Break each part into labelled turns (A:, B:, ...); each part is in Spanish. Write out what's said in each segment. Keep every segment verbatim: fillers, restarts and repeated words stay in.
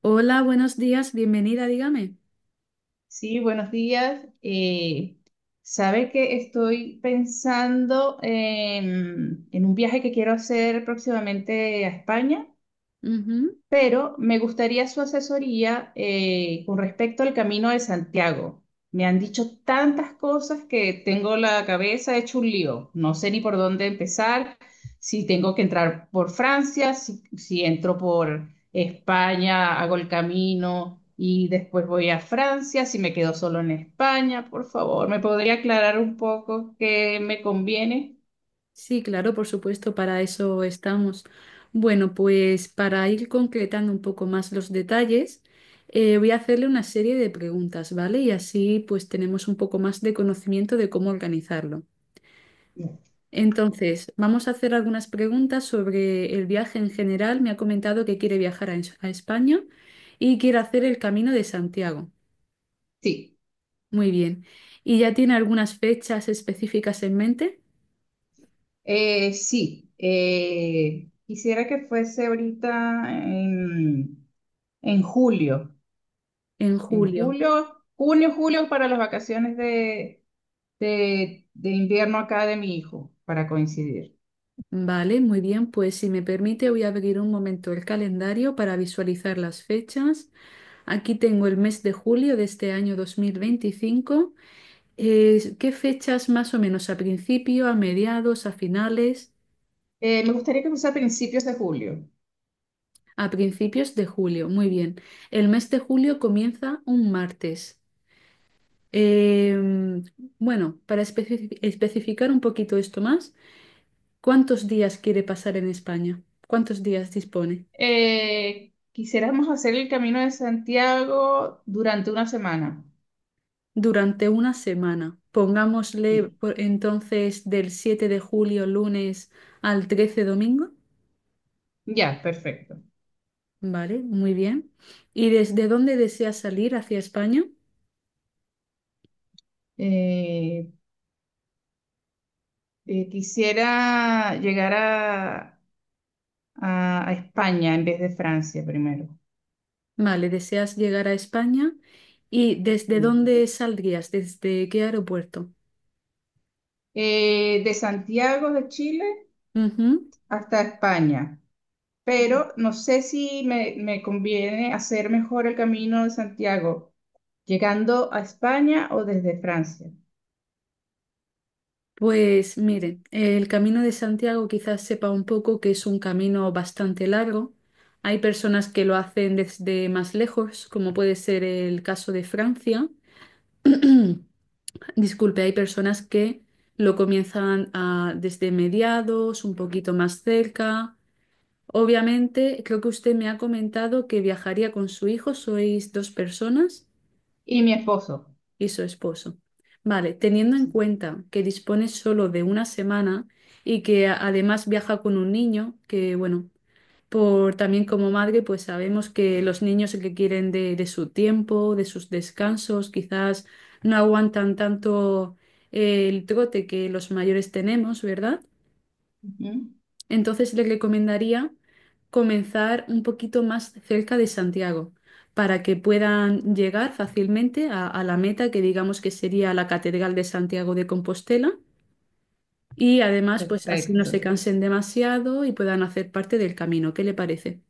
A: Hola, buenos días, bienvenida, dígame.
B: Sí, buenos días. Eh, sabe que estoy pensando en, en un viaje que quiero hacer próximamente a España,
A: Ujú.
B: pero me gustaría su asesoría eh, con respecto al Camino de Santiago. Me han dicho tantas cosas que tengo la cabeza hecho un lío. No sé ni por dónde empezar, si tengo que entrar por Francia, si, si entro por España, hago el camino y después voy a Francia, si me quedo solo en España. Por favor, ¿me podría aclarar un poco qué me conviene?
A: Sí, claro, por supuesto, para eso estamos. Bueno, pues para ir concretando un poco más los detalles, eh, voy a hacerle una serie de preguntas, ¿vale? Y así pues tenemos un poco más de conocimiento de cómo organizarlo. Entonces, vamos a hacer algunas preguntas sobre el viaje en general. Me ha comentado que quiere viajar a, Es- a España y quiere hacer el Camino de Santiago.
B: Sí.
A: Muy bien. ¿Y ya tiene algunas fechas específicas en mente?
B: Eh, sí, eh, quisiera que fuese ahorita en, en julio,
A: En
B: en
A: julio.
B: julio, junio, julio para las vacaciones de, de, de invierno acá de mi hijo, para coincidir.
A: Vale, muy bien. Pues si me permite, voy a abrir un momento el calendario para visualizar las fechas. Aquí tengo el mes de julio de este año dos mil veinticinco. Eh, ¿qué fechas más o menos? ¿A principio, a mediados, a finales?
B: Eh, me gustaría que fuese a principios de julio.
A: A principios de julio. Muy bien. El mes de julio comienza un martes. Em, bueno, para especifi- especificar un poquito esto más, ¿cuántos días quiere pasar en España? ¿Cuántos días dispone?
B: Eh, quisiéramos hacer el Camino de Santiago durante una semana.
A: Durante una semana. Pongámosle
B: Sí,
A: por- entonces del siete de julio lunes al trece domingo.
B: ya, perfecto.
A: Vale, muy bien. ¿Y desde dónde deseas salir hacia España?
B: Eh, eh, Quisiera llegar a a, a España en vez de Francia primero.
A: Vale, deseas llegar a España. ¿Y desde
B: Sí.
A: dónde saldrías? ¿Desde qué aeropuerto?
B: Eh, de Santiago de Chile
A: Ujú.
B: hasta España, pero no sé si me, me conviene hacer mejor el Camino de Santiago, llegando a España o desde Francia.
A: Pues miren, el Camino de Santiago quizás sepa un poco que es un camino bastante largo. Hay personas que lo hacen desde más lejos, como puede ser el caso de Francia. Disculpe, hay personas que lo comienzan ah, desde mediados, un poquito más cerca. Obviamente, creo que usted me ha comentado que viajaría con su hijo, sois dos personas
B: Y mi esposo.
A: y su esposo. Vale, teniendo en
B: Sí.
A: cuenta que dispone solo de una semana y que a- además viaja con un niño, que bueno, por también como madre, pues sabemos que los niños que quieren de, de su tiempo, de sus descansos, quizás no aguantan tanto eh, el trote que los mayores tenemos, ¿verdad?
B: Ujú.
A: Entonces le recomendaría comenzar un poquito más cerca de Santiago para que puedan llegar fácilmente a, a la meta que digamos que sería la Catedral de Santiago de Compostela y además pues así no
B: Perfecto.
A: se cansen demasiado y puedan hacer parte del camino. ¿Qué le parece?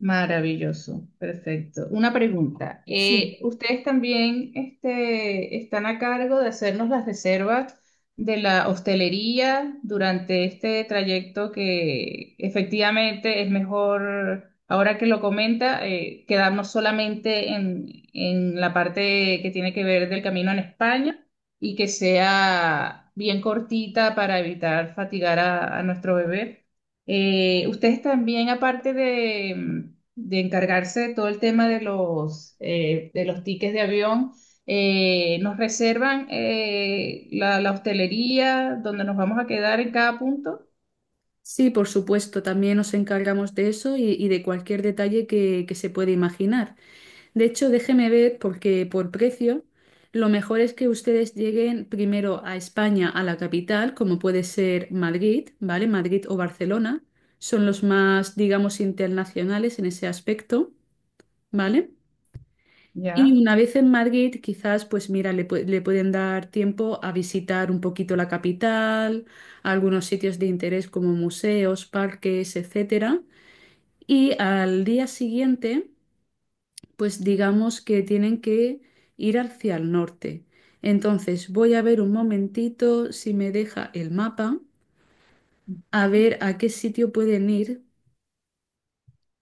B: Maravilloso, perfecto. Una pregunta.
A: Sí.
B: Eh, ¿ustedes también este, están a cargo de hacernos las reservas de la hostelería durante este trayecto que efectivamente es mejor, ahora que lo comenta, eh, quedarnos solamente en, en la parte que tiene que ver del camino en España y que sea bien cortita para evitar fatigar a a nuestro bebé? Eh, ustedes también, aparte de, mm, de encargarse de todo el tema de los, eh, de los tickets de avión, eh, nos reservan eh, la, la hostelería donde nos vamos a quedar en cada punto.
A: Sí, por supuesto, también nos encargamos de eso y, y de cualquier detalle que, que se pueda imaginar. De hecho, déjeme ver, porque por precio, lo mejor es que ustedes lleguen primero a España, a la capital, como puede ser Madrid, ¿vale? Madrid o Barcelona, son los más, digamos, internacionales en ese aspecto, ¿vale? Y
B: Ya.
A: una vez en Madrid, quizás, pues mira, le, pu- le pueden dar tiempo a visitar un poquito la capital, algunos sitios de interés como museos, parques, etcétera. Y al día siguiente, pues digamos que tienen que ir hacia el norte. Entonces, voy a ver un momentito si me deja el mapa, a ver a qué sitio pueden ir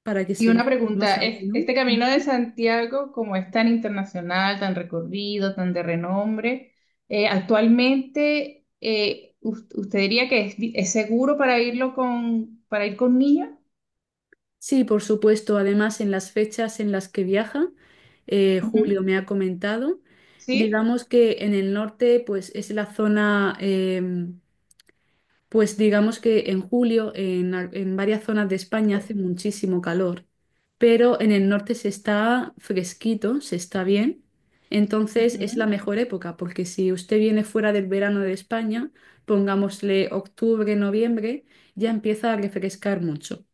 A: para que
B: Y
A: se les
B: una
A: quede más
B: pregunta, es-
A: ameno.
B: este Camino de
A: Ujú.
B: Santiago, como es tan internacional, tan recorrido, tan de renombre, eh, actualmente, eh, us- ¿usted diría que es, vi- es seguro para irlo con, para ir con niños?
A: Sí, por supuesto. Además, en las fechas en las que viaja, eh,
B: Ujú.
A: julio me ha comentado,
B: ¿Sí?
A: digamos que en el norte, pues es la zona, eh, pues digamos que en julio, en, al- en varias zonas de España hace muchísimo calor, pero en el norte se está fresquito, se está bien. Entonces es la
B: Ujú.
A: mejor época, porque si usted viene fuera del verano de España, pongámosle octubre, noviembre, ya empieza a refrescar mucho.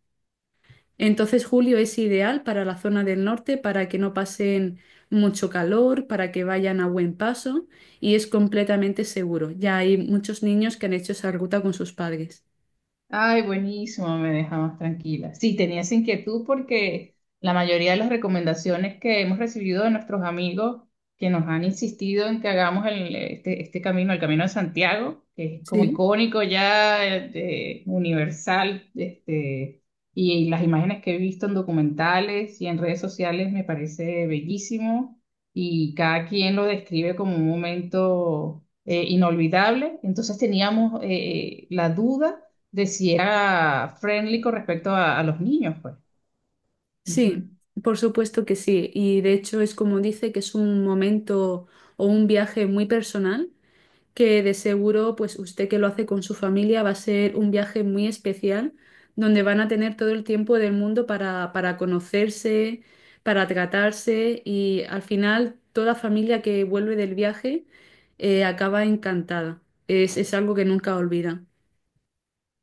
A: Entonces julio es ideal para la zona del norte para que no pasen mucho calor, para que vayan a buen paso y es completamente seguro. Ya hay muchos niños que han hecho esa ruta con sus padres.
B: Ay, buenísimo, me deja más tranquila. Sí, tenía esa inquietud porque la mayoría de las recomendaciones que hemos recibido de nuestros amigos que nos han insistido en que hagamos el- este, este camino, el Camino de Santiago, que es como
A: Sí,
B: icónico ya, eh, de- universal, este, y las imágenes que he visto en documentales y en redes sociales me parece bellísimo y cada quien lo describe como un momento eh, inolvidable. Entonces teníamos eh, la duda de si era friendly con respecto a, a los niños, pues.
A: sí,
B: Ujú.
A: por supuesto que sí. Y de hecho es como dice que es un momento o un viaje muy personal que de seguro, pues usted que lo hace con su familia, va a ser un viaje muy especial, donde van a tener todo el tiempo del mundo para, para conocerse, para tratarse y al final toda familia que vuelve del viaje eh, acaba encantada. Es, es algo que nunca olvida.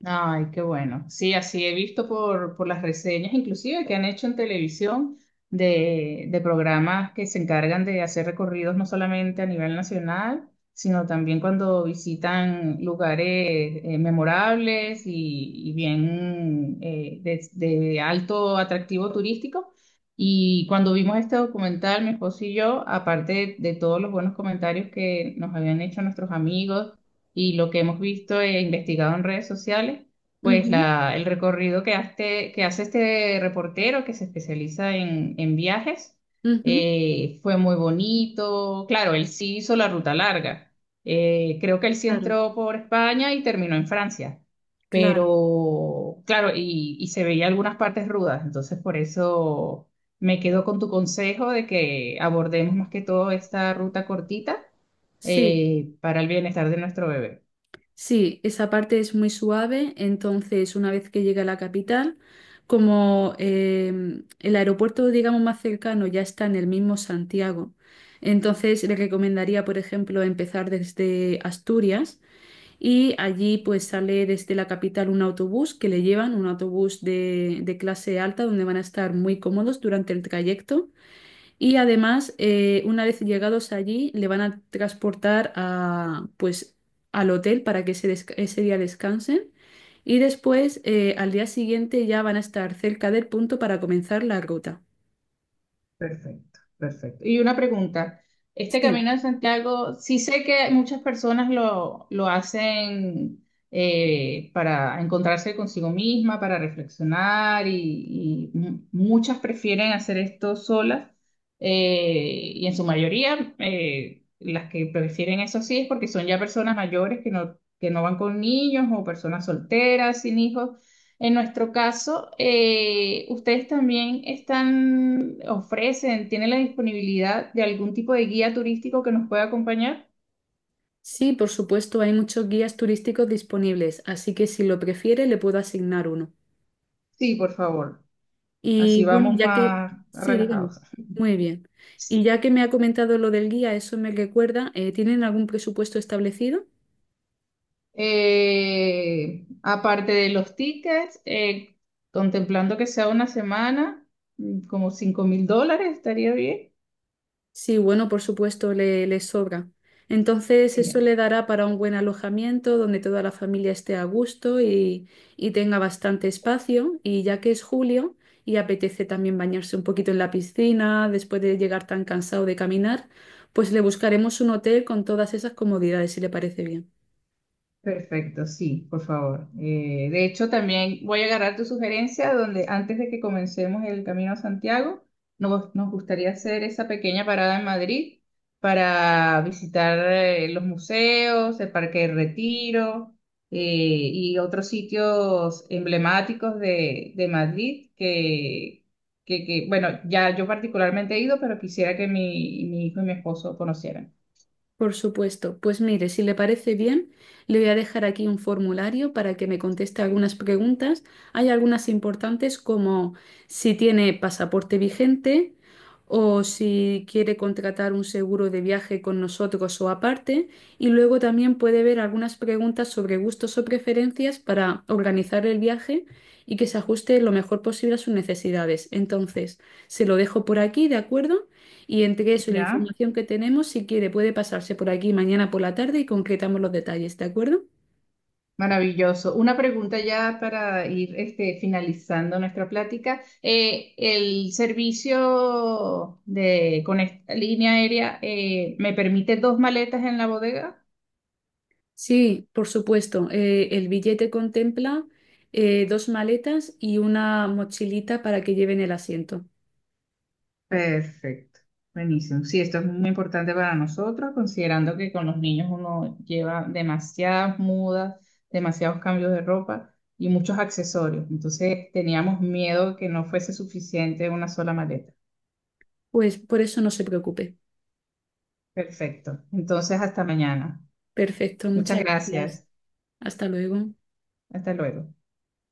B: Ay, qué bueno. Sí, así he visto por, por las reseñas, inclusive que han hecho en televisión de, de programas que se encargan de hacer recorridos no solamente a nivel nacional, sino también cuando visitan lugares eh, memorables y, y bien eh, de, de alto atractivo turístico. Y cuando vimos este documental, mi esposo y yo, aparte de de todos los buenos comentarios que nos habían hecho nuestros amigos, y lo que hemos visto e investigado en redes sociales, pues
A: Ujú,
B: la, el recorrido que hace, que hace este reportero que se especializa en, en viajes
A: ujú.
B: eh, fue muy bonito. Claro, él sí hizo la ruta larga. Eh, creo que él sí
A: Claro,
B: entró por España y terminó en Francia.
A: claro.
B: Pero, claro, y, y se veía algunas partes rudas, entonces por eso me quedo con tu consejo de que abordemos más que todo esta ruta cortita
A: Sí.
B: eh, para el bienestar de nuestro bebé.
A: Sí, esa parte es muy suave, entonces una vez que llega a la capital, como eh, el aeropuerto, digamos, más cercano ya está en el mismo Santiago, entonces le recomendaría, por ejemplo, empezar desde Asturias y allí pues sale desde la capital un autobús que le llevan, un autobús de, de clase alta donde van a estar muy cómodos durante el trayecto y además, eh, una vez llegados allí, le van a transportar a, pues, al hotel para que ese, desca- ese día descansen. Y después, eh, al día siguiente, ya van a estar cerca del punto para comenzar la ruta.
B: Perfecto, perfecto. Y una pregunta, este
A: Sí.
B: Camino de Santiago, sí sé que muchas personas lo, lo hacen eh, para encontrarse consigo misma, para reflexionar y, y mu- muchas prefieren hacer esto solas, eh, y en su mayoría eh, las que prefieren eso sí es porque son ya personas mayores que no, que no van con niños o personas solteras sin hijos en nuestro caso. Eh, ¿ustedes también están, ofrecen, tienen la disponibilidad de algún tipo de guía turístico que nos pueda acompañar?
A: Sí, por supuesto, hay muchos guías turísticos disponibles, así que si lo prefiere, le puedo asignar uno.
B: Sí, por favor. Así
A: Y bueno,
B: vamos
A: ya que...
B: más
A: Sí, dígame.
B: relajados.
A: Muy bien. Y ya que me ha comentado lo del guía, eso me recuerda, eh, ¿tienen algún presupuesto establecido?
B: Eh, aparte de los tickets, eh, contemplando que sea una semana, mm, como cinco mil dólares, estaría bien.
A: Sí, bueno, por supuesto, le, le sobra. Entonces, eso le dará para un buen alojamiento donde toda la familia esté a gusto y, y tenga bastante espacio. Y ya que es julio y apetece también bañarse un poquito en la piscina después de llegar tan cansado de caminar, pues le buscaremos un hotel con todas esas comodidades, si le parece bien.
B: Perfecto, sí, por favor. Eh, de hecho, también voy a agarrar tu sugerencia donde antes de que comencemos el camino a Santiago, nos, nos gustaría hacer esa pequeña parada en Madrid para visitar eh, los museos, el Parque del Retiro, eh, y otros sitios emblemáticos de, de Madrid que, que, que, bueno, ya yo particularmente he ido, pero quisiera que mi, mi hijo y mi esposo conocieran.
A: Por supuesto. Pues mire, si le parece bien, le voy a dejar aquí un formulario para que me conteste algunas preguntas. Hay algunas importantes como si tiene pasaporte vigente o si quiere contratar un seguro de viaje con nosotros o aparte. Y luego también puede ver algunas preguntas sobre gustos o preferencias para organizar el viaje y que se ajuste lo mejor posible a sus necesidades. Entonces, se lo dejo por aquí, ¿de acuerdo? Y entre eso y la
B: ¿Ya?
A: información que tenemos, si quiere, puede pasarse por aquí mañana por la tarde y concretamos los detalles, ¿de acuerdo?
B: Maravilloso. Una pregunta ya para ir este, finalizando nuestra plática. Eh, el servicio de, con esta línea aérea eh, me permite dos maletas en la bodega.
A: Sí, por supuesto. Eh, el billete contempla eh, dos maletas y una mochilita para que lleven el asiento.
B: Perfecto. Buenísimo. Sí, esto es muy importante para nosotros, considerando que con los niños uno lleva demasiadas mudas, demasiados cambios de ropa y muchos accesorios. Entonces teníamos miedo que no fuese suficiente una sola maleta.
A: Pues por eso no se preocupe.
B: Perfecto. Entonces, hasta mañana.
A: Perfecto,
B: Muchas
A: muchas gracias.
B: gracias.
A: Hasta luego.
B: Hasta luego.